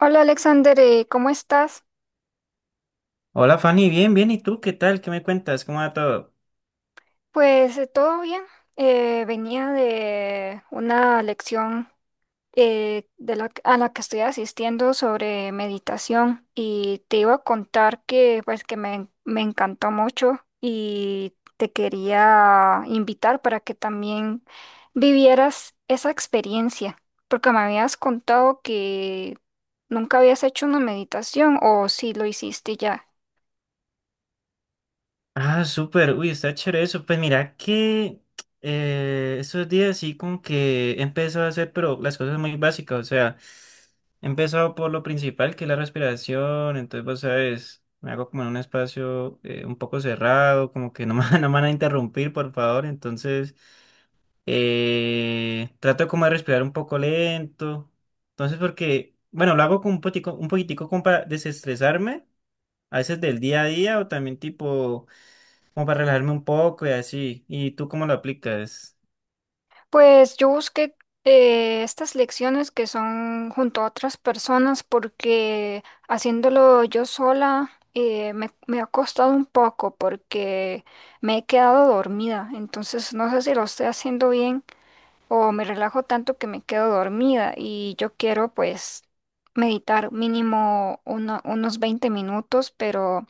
Hola Alexander, ¿cómo estás? Hola Fanny, bien, bien, ¿y tú qué tal? ¿Qué me cuentas? ¿Cómo va todo? Pues todo bien. Venía de una lección a la que estoy asistiendo sobre meditación y te iba a contar que pues que me encantó mucho y te quería invitar para que también vivieras esa experiencia, porque me habías contado que nunca habías hecho una meditación o si lo hiciste ya. Ah, súper, uy, está chévere eso. Pues mira que estos días sí como que he empezado a hacer, pero las cosas muy básicas, o sea, he empezado por lo principal que es la respiración, entonces vos sabes, me hago como en un espacio un poco cerrado, como que no me, no me van a interrumpir, por favor, entonces trato como de respirar un poco lento, entonces porque, bueno, lo hago como un poquitico como para desestresarme. A veces del día a día o también tipo como para relajarme un poco y así. ¿Y tú cómo lo aplicas? Pues yo busqué estas lecciones que son junto a otras personas porque haciéndolo yo sola, me ha costado un poco porque me he quedado dormida. Entonces no sé si lo estoy haciendo bien o me relajo tanto que me quedo dormida y yo quiero pues meditar mínimo unos 20 minutos, pero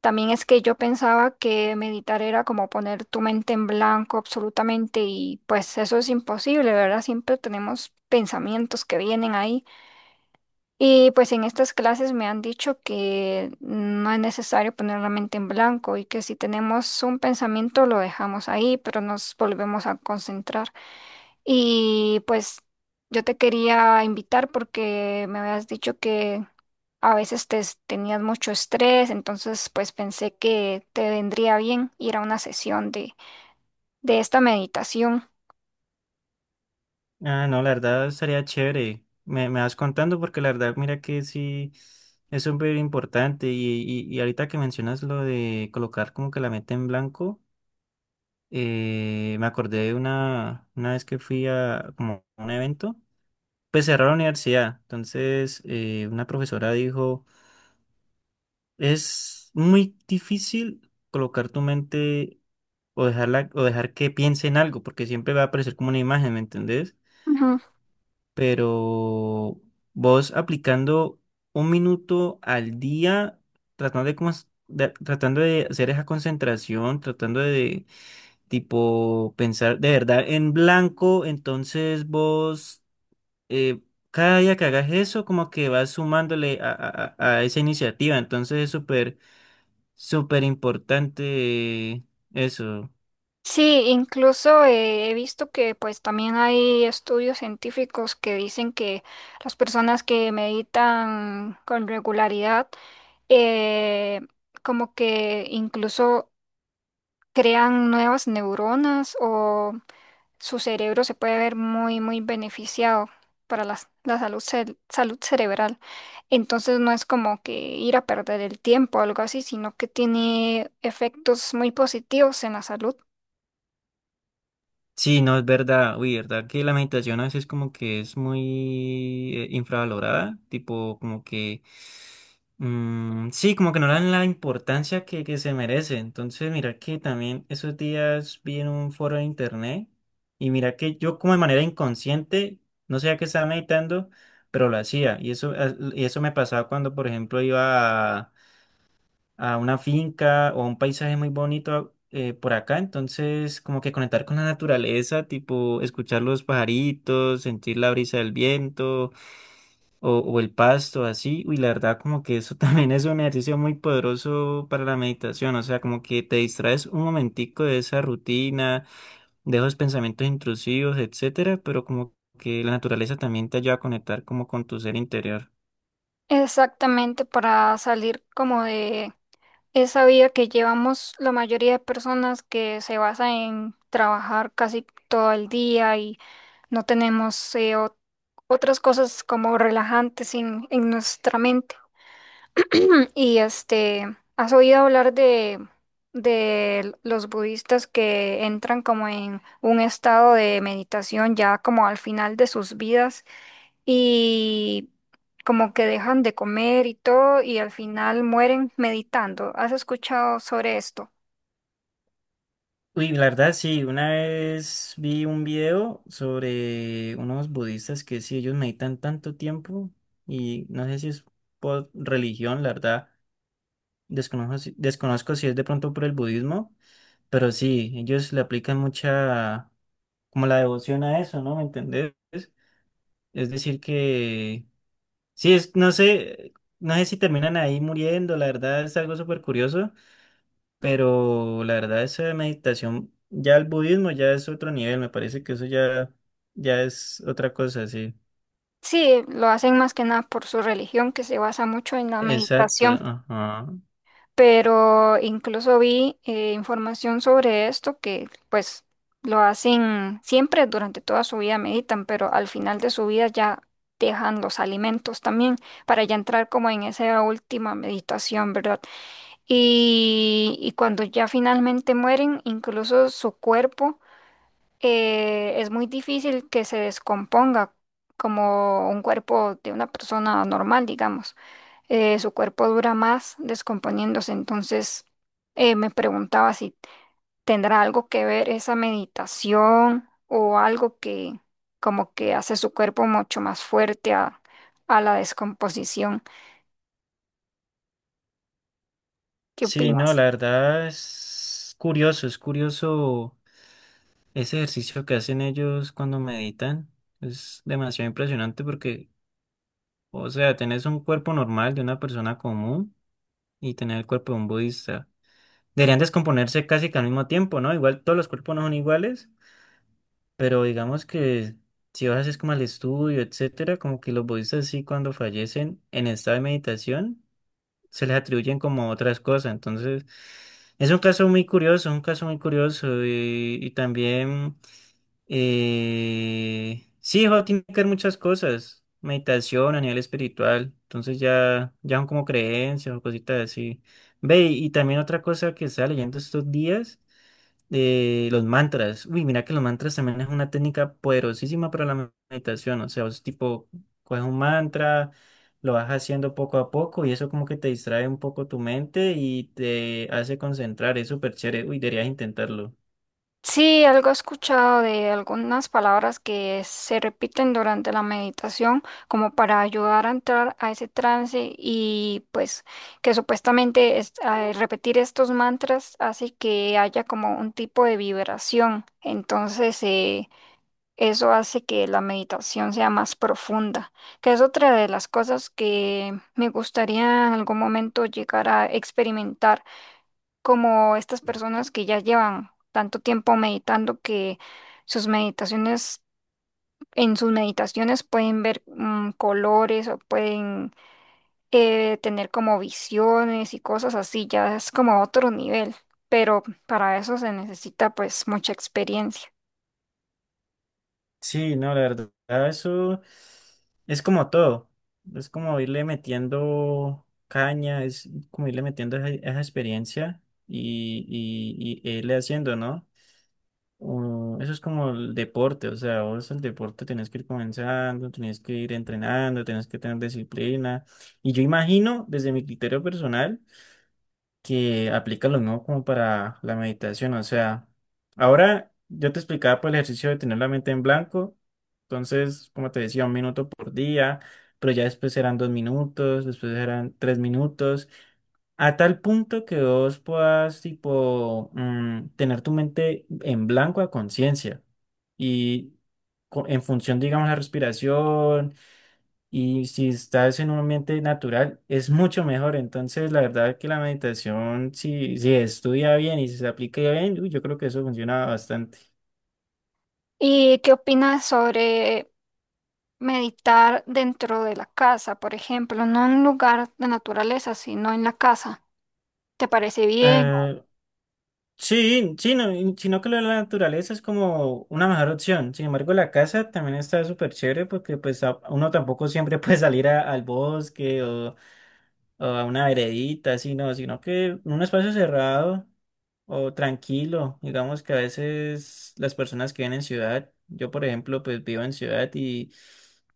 también es que yo pensaba que meditar era como poner tu mente en blanco absolutamente y pues eso es imposible, ¿verdad? Siempre tenemos pensamientos que vienen ahí, y pues en estas clases me han dicho que no es necesario poner la mente en blanco y que si tenemos un pensamiento lo dejamos ahí, pero nos volvemos a concentrar. Y pues yo te quería invitar porque me habías dicho que a veces tenías mucho estrés, entonces pues pensé que te vendría bien ir a una sesión de esta meditación. Ah, no, la verdad sería chévere. Me vas contando porque la verdad, mira que sí es súper importante. Y ahorita que mencionas lo de colocar como que la meta en blanco, me acordé de una vez que fui a como a un evento, pues cerró la universidad. Entonces, una profesora dijo. Es muy difícil colocar tu mente o dejarla, o dejar que piense en algo, porque siempre va a aparecer como una imagen, ¿me entendés? Ujú. Pero vos aplicando un minuto al día, tratando de, tratando de hacer esa concentración, tratando de tipo pensar de verdad en blanco, entonces vos eh, cada día que hagas eso, como que vas sumándole a esa iniciativa, entonces es súper súper importante eh, eso. Sí, incluso he visto que pues también hay estudios científicos que dicen que las personas que meditan con regularidad, eh, como que incluso crean nuevas neuronas o su cerebro se puede ver muy, muy beneficiado para salud, salud cerebral. Entonces no es como que ir a perder el tiempo o algo así, sino que tiene efectos muy positivos en la salud. Sí, no es verdad. Uy, verdad que la meditación a veces como que es muy infravalorada. Tipo, como que sí, como que no le dan la importancia que se merece. Entonces, mira que también esos días vi en un foro de internet y mira que yo como de manera inconsciente, no sabía que estaba meditando, pero lo hacía. Y eso, ah, y eso me pasaba cuando, por ejemplo, iba a una finca o a un paisaje muy bonito por acá, entonces como que conectar con la naturaleza, tipo escuchar los pajaritos, sentir la brisa del viento o el pasto, así, uy, la verdad como que eso también es un ejercicio muy poderoso para la meditación, o sea, como que te distraes un momentico de esa rutina, de esos pensamientos intrusivos, etcétera, pero como que la naturaleza también te ayuda a conectar como con tu ser interior. Exactamente, para salir como de esa vida que llevamos la mayoría de personas, que se basa en trabajar casi todo el día y no tenemos otras cosas como relajantes en nuestra mente. Y este, ¿has oído hablar de los budistas que entran como en un estado de meditación ya como al final de sus vidas y como que dejan de comer y todo y al final mueren meditando? ¿Has escuchado sobre esto? Uy, la verdad sí, una vez vi un video sobre unos budistas que sí, ellos meditan tanto tiempo y no sé si es por religión, la verdad, desconozco, desconozco si es de pronto por el budismo, pero sí, ellos le aplican mucha, como la devoción a eso, ¿no? ¿Me entendés? Es decir que, sí, es, no sé, no sé si terminan ahí muriendo, la verdad es algo súper curioso. Pero la verdad, esa meditación, ya el budismo ya es otro nivel, me parece que eso ya, ya es otra cosa, sí. Sí, lo hacen más que nada por su religión, que se basa mucho en la Exacto, meditación. ajá. Pero incluso vi, información sobre esto, que pues lo hacen siempre durante toda su vida, meditan, pero al final de su vida ya dejan los alimentos también para ya entrar como en esa última meditación, ¿verdad? Y cuando ya finalmente mueren, incluso su cuerpo, es muy difícil que se descomponga como un cuerpo de una persona normal, digamos. Su cuerpo dura más descomponiéndose, entonces me preguntaba si tendrá algo que ver esa meditación, o algo que como que hace su cuerpo mucho más fuerte a la descomposición. ¿Qué Sí, no, la opinas? verdad es curioso ese ejercicio que hacen ellos cuando meditan. Es demasiado impresionante porque, o sea, tenés un cuerpo normal de una persona común y tener el cuerpo de un budista. Deberían descomponerse casi que al mismo tiempo, ¿no? Igual todos los cuerpos no son iguales. Pero digamos que si vas es como al estudio, etcétera, como que los budistas sí cuando fallecen en estado de meditación se les atribuyen como otras cosas. Entonces, es un caso muy curioso, un caso muy curioso y también sí, jo, tiene que ver muchas cosas, meditación a nivel espiritual, entonces ya, ya son como creencias o cositas así. Ve, y también otra cosa que estaba leyendo estos días los mantras. Uy, mira que los mantras también es una técnica poderosísima para la meditación. O sea, es tipo, coges un mantra, lo vas haciendo poco a poco y eso como que te distrae un poco tu mente y te hace concentrar. Es súper chévere. Uy, deberías intentarlo. Sí, algo he escuchado de algunas palabras que se repiten durante la meditación como para ayudar a entrar a ese trance, y pues que supuestamente al repetir estos mantras hace que haya como un tipo de vibración. Entonces, eso hace que la meditación sea más profunda, que es otra de las cosas que me gustaría en algún momento llegar a experimentar, como estas personas que ya llevan tanto tiempo meditando que sus meditaciones, en sus meditaciones pueden ver, mm, colores, o pueden, tener como visiones y cosas así. Ya es como otro nivel, pero para eso se necesita pues mucha experiencia. Sí, no, la verdad, eso es como todo. Es como irle metiendo caña, es como irle metiendo esa, esa experiencia y irle haciendo, ¿no? Eso es como el deporte, o sea, vos el deporte tenés que ir comenzando, tenés que ir entrenando, tenés que tener disciplina. Y yo imagino, desde mi criterio personal, que aplica lo mismo como para la meditación, o sea, ahora yo te explicaba por el ejercicio de tener la mente en blanco, entonces, como te decía, un minuto por día, pero ya después eran dos minutos, después eran tres minutos. A tal punto que vos puedas, tipo, tener tu mente en blanco a conciencia y en función, digamos, la respiración y si estás en un ambiente natural, es mucho mejor. Entonces, la verdad que la meditación, si, si estudia bien y si se aplica bien, uy, yo creo que eso funciona bastante. ¿Y qué opinas sobre meditar dentro de la casa, por ejemplo, no en un lugar de naturaleza, sino en la casa? ¿Te parece bien? Ah, sí, sí, no, sino que lo de la naturaleza es como una mejor opción. Sin embargo, la casa también está súper chévere porque pues uno tampoco siempre puede salir al bosque o a una veredita, así no, sino que en un espacio cerrado o tranquilo. Digamos que a veces las personas que viven en ciudad, yo por ejemplo, pues vivo en ciudad y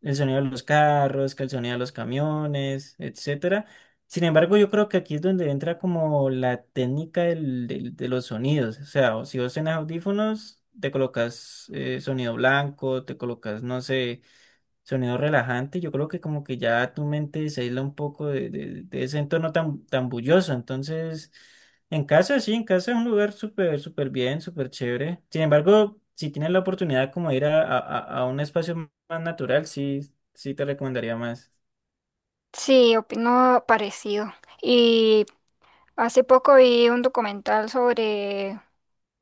el sonido de los carros, que el sonido de los camiones, etcétera. Sin embargo, yo creo que aquí es donde entra como la técnica de los sonidos. O sea, o si vos tenés audífonos, te colocas sonido blanco, te colocas, no sé. Sonido relajante, yo creo que como que ya tu mente se aísla un poco de ese entorno tan, tan bullicioso. Entonces, en casa sí, en casa es un lugar súper, súper bien, súper chévere. Sin embargo, si tienes la oportunidad como de ir a un espacio más natural, sí, sí te recomendaría más. Sí, opino parecido. Y hace poco vi un documental sobre,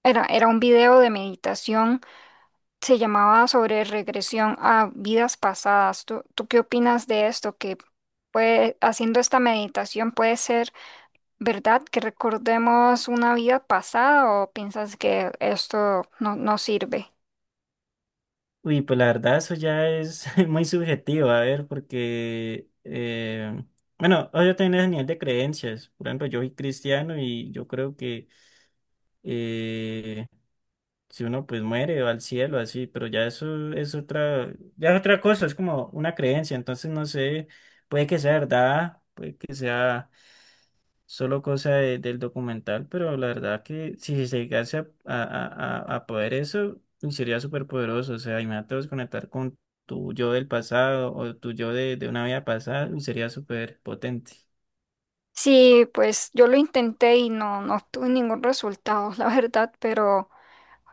era, era un video de meditación, se llamaba sobre regresión a vidas pasadas. ¿Tú, tú qué opinas de esto? Que puede, haciendo esta meditación, ¿puede ser verdad que recordemos una vida pasada, o piensas que esto no, no sirve? Uy, pues la verdad eso ya es muy subjetivo, a ver, porque, bueno, yo también es a nivel de creencias. Por ejemplo, yo soy cristiano y yo creo que... eh, si uno pues muere va al cielo, así, pero ya eso es otra, ya es otra cosa, es como una creencia, entonces no sé, puede que sea verdad, puede que sea solo cosa del documental, pero la verdad que si se llegase a poder eso, uy, sería súper poderoso, o sea, imagínate vos conectar con tu yo del pasado o tu yo de una vida pasada, uy, sería súper potente. Sí, pues yo lo intenté y no, no obtuve ningún resultado, la verdad, pero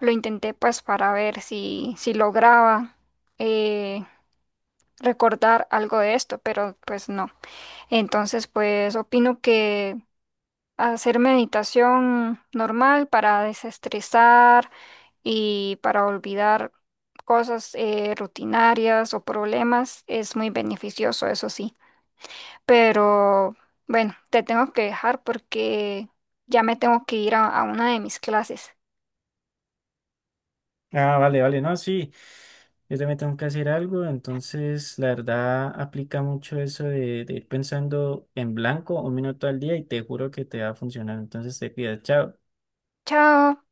lo intenté pues para ver si, si lograba, eh, recordar algo de esto, pero pues no. Entonces pues opino que hacer meditación normal para desestresar y para olvidar cosas, rutinarias, o problemas, es muy beneficioso, eso sí. Pero bueno, te tengo que dejar porque ya me tengo que ir a una de mis clases. Ah, vale, vale, no, sí. Yo también tengo que hacer algo, entonces la verdad aplica mucho eso de ir pensando en blanco un minuto al día y te juro que te va a funcionar. Entonces te cuidas, chao. Chao.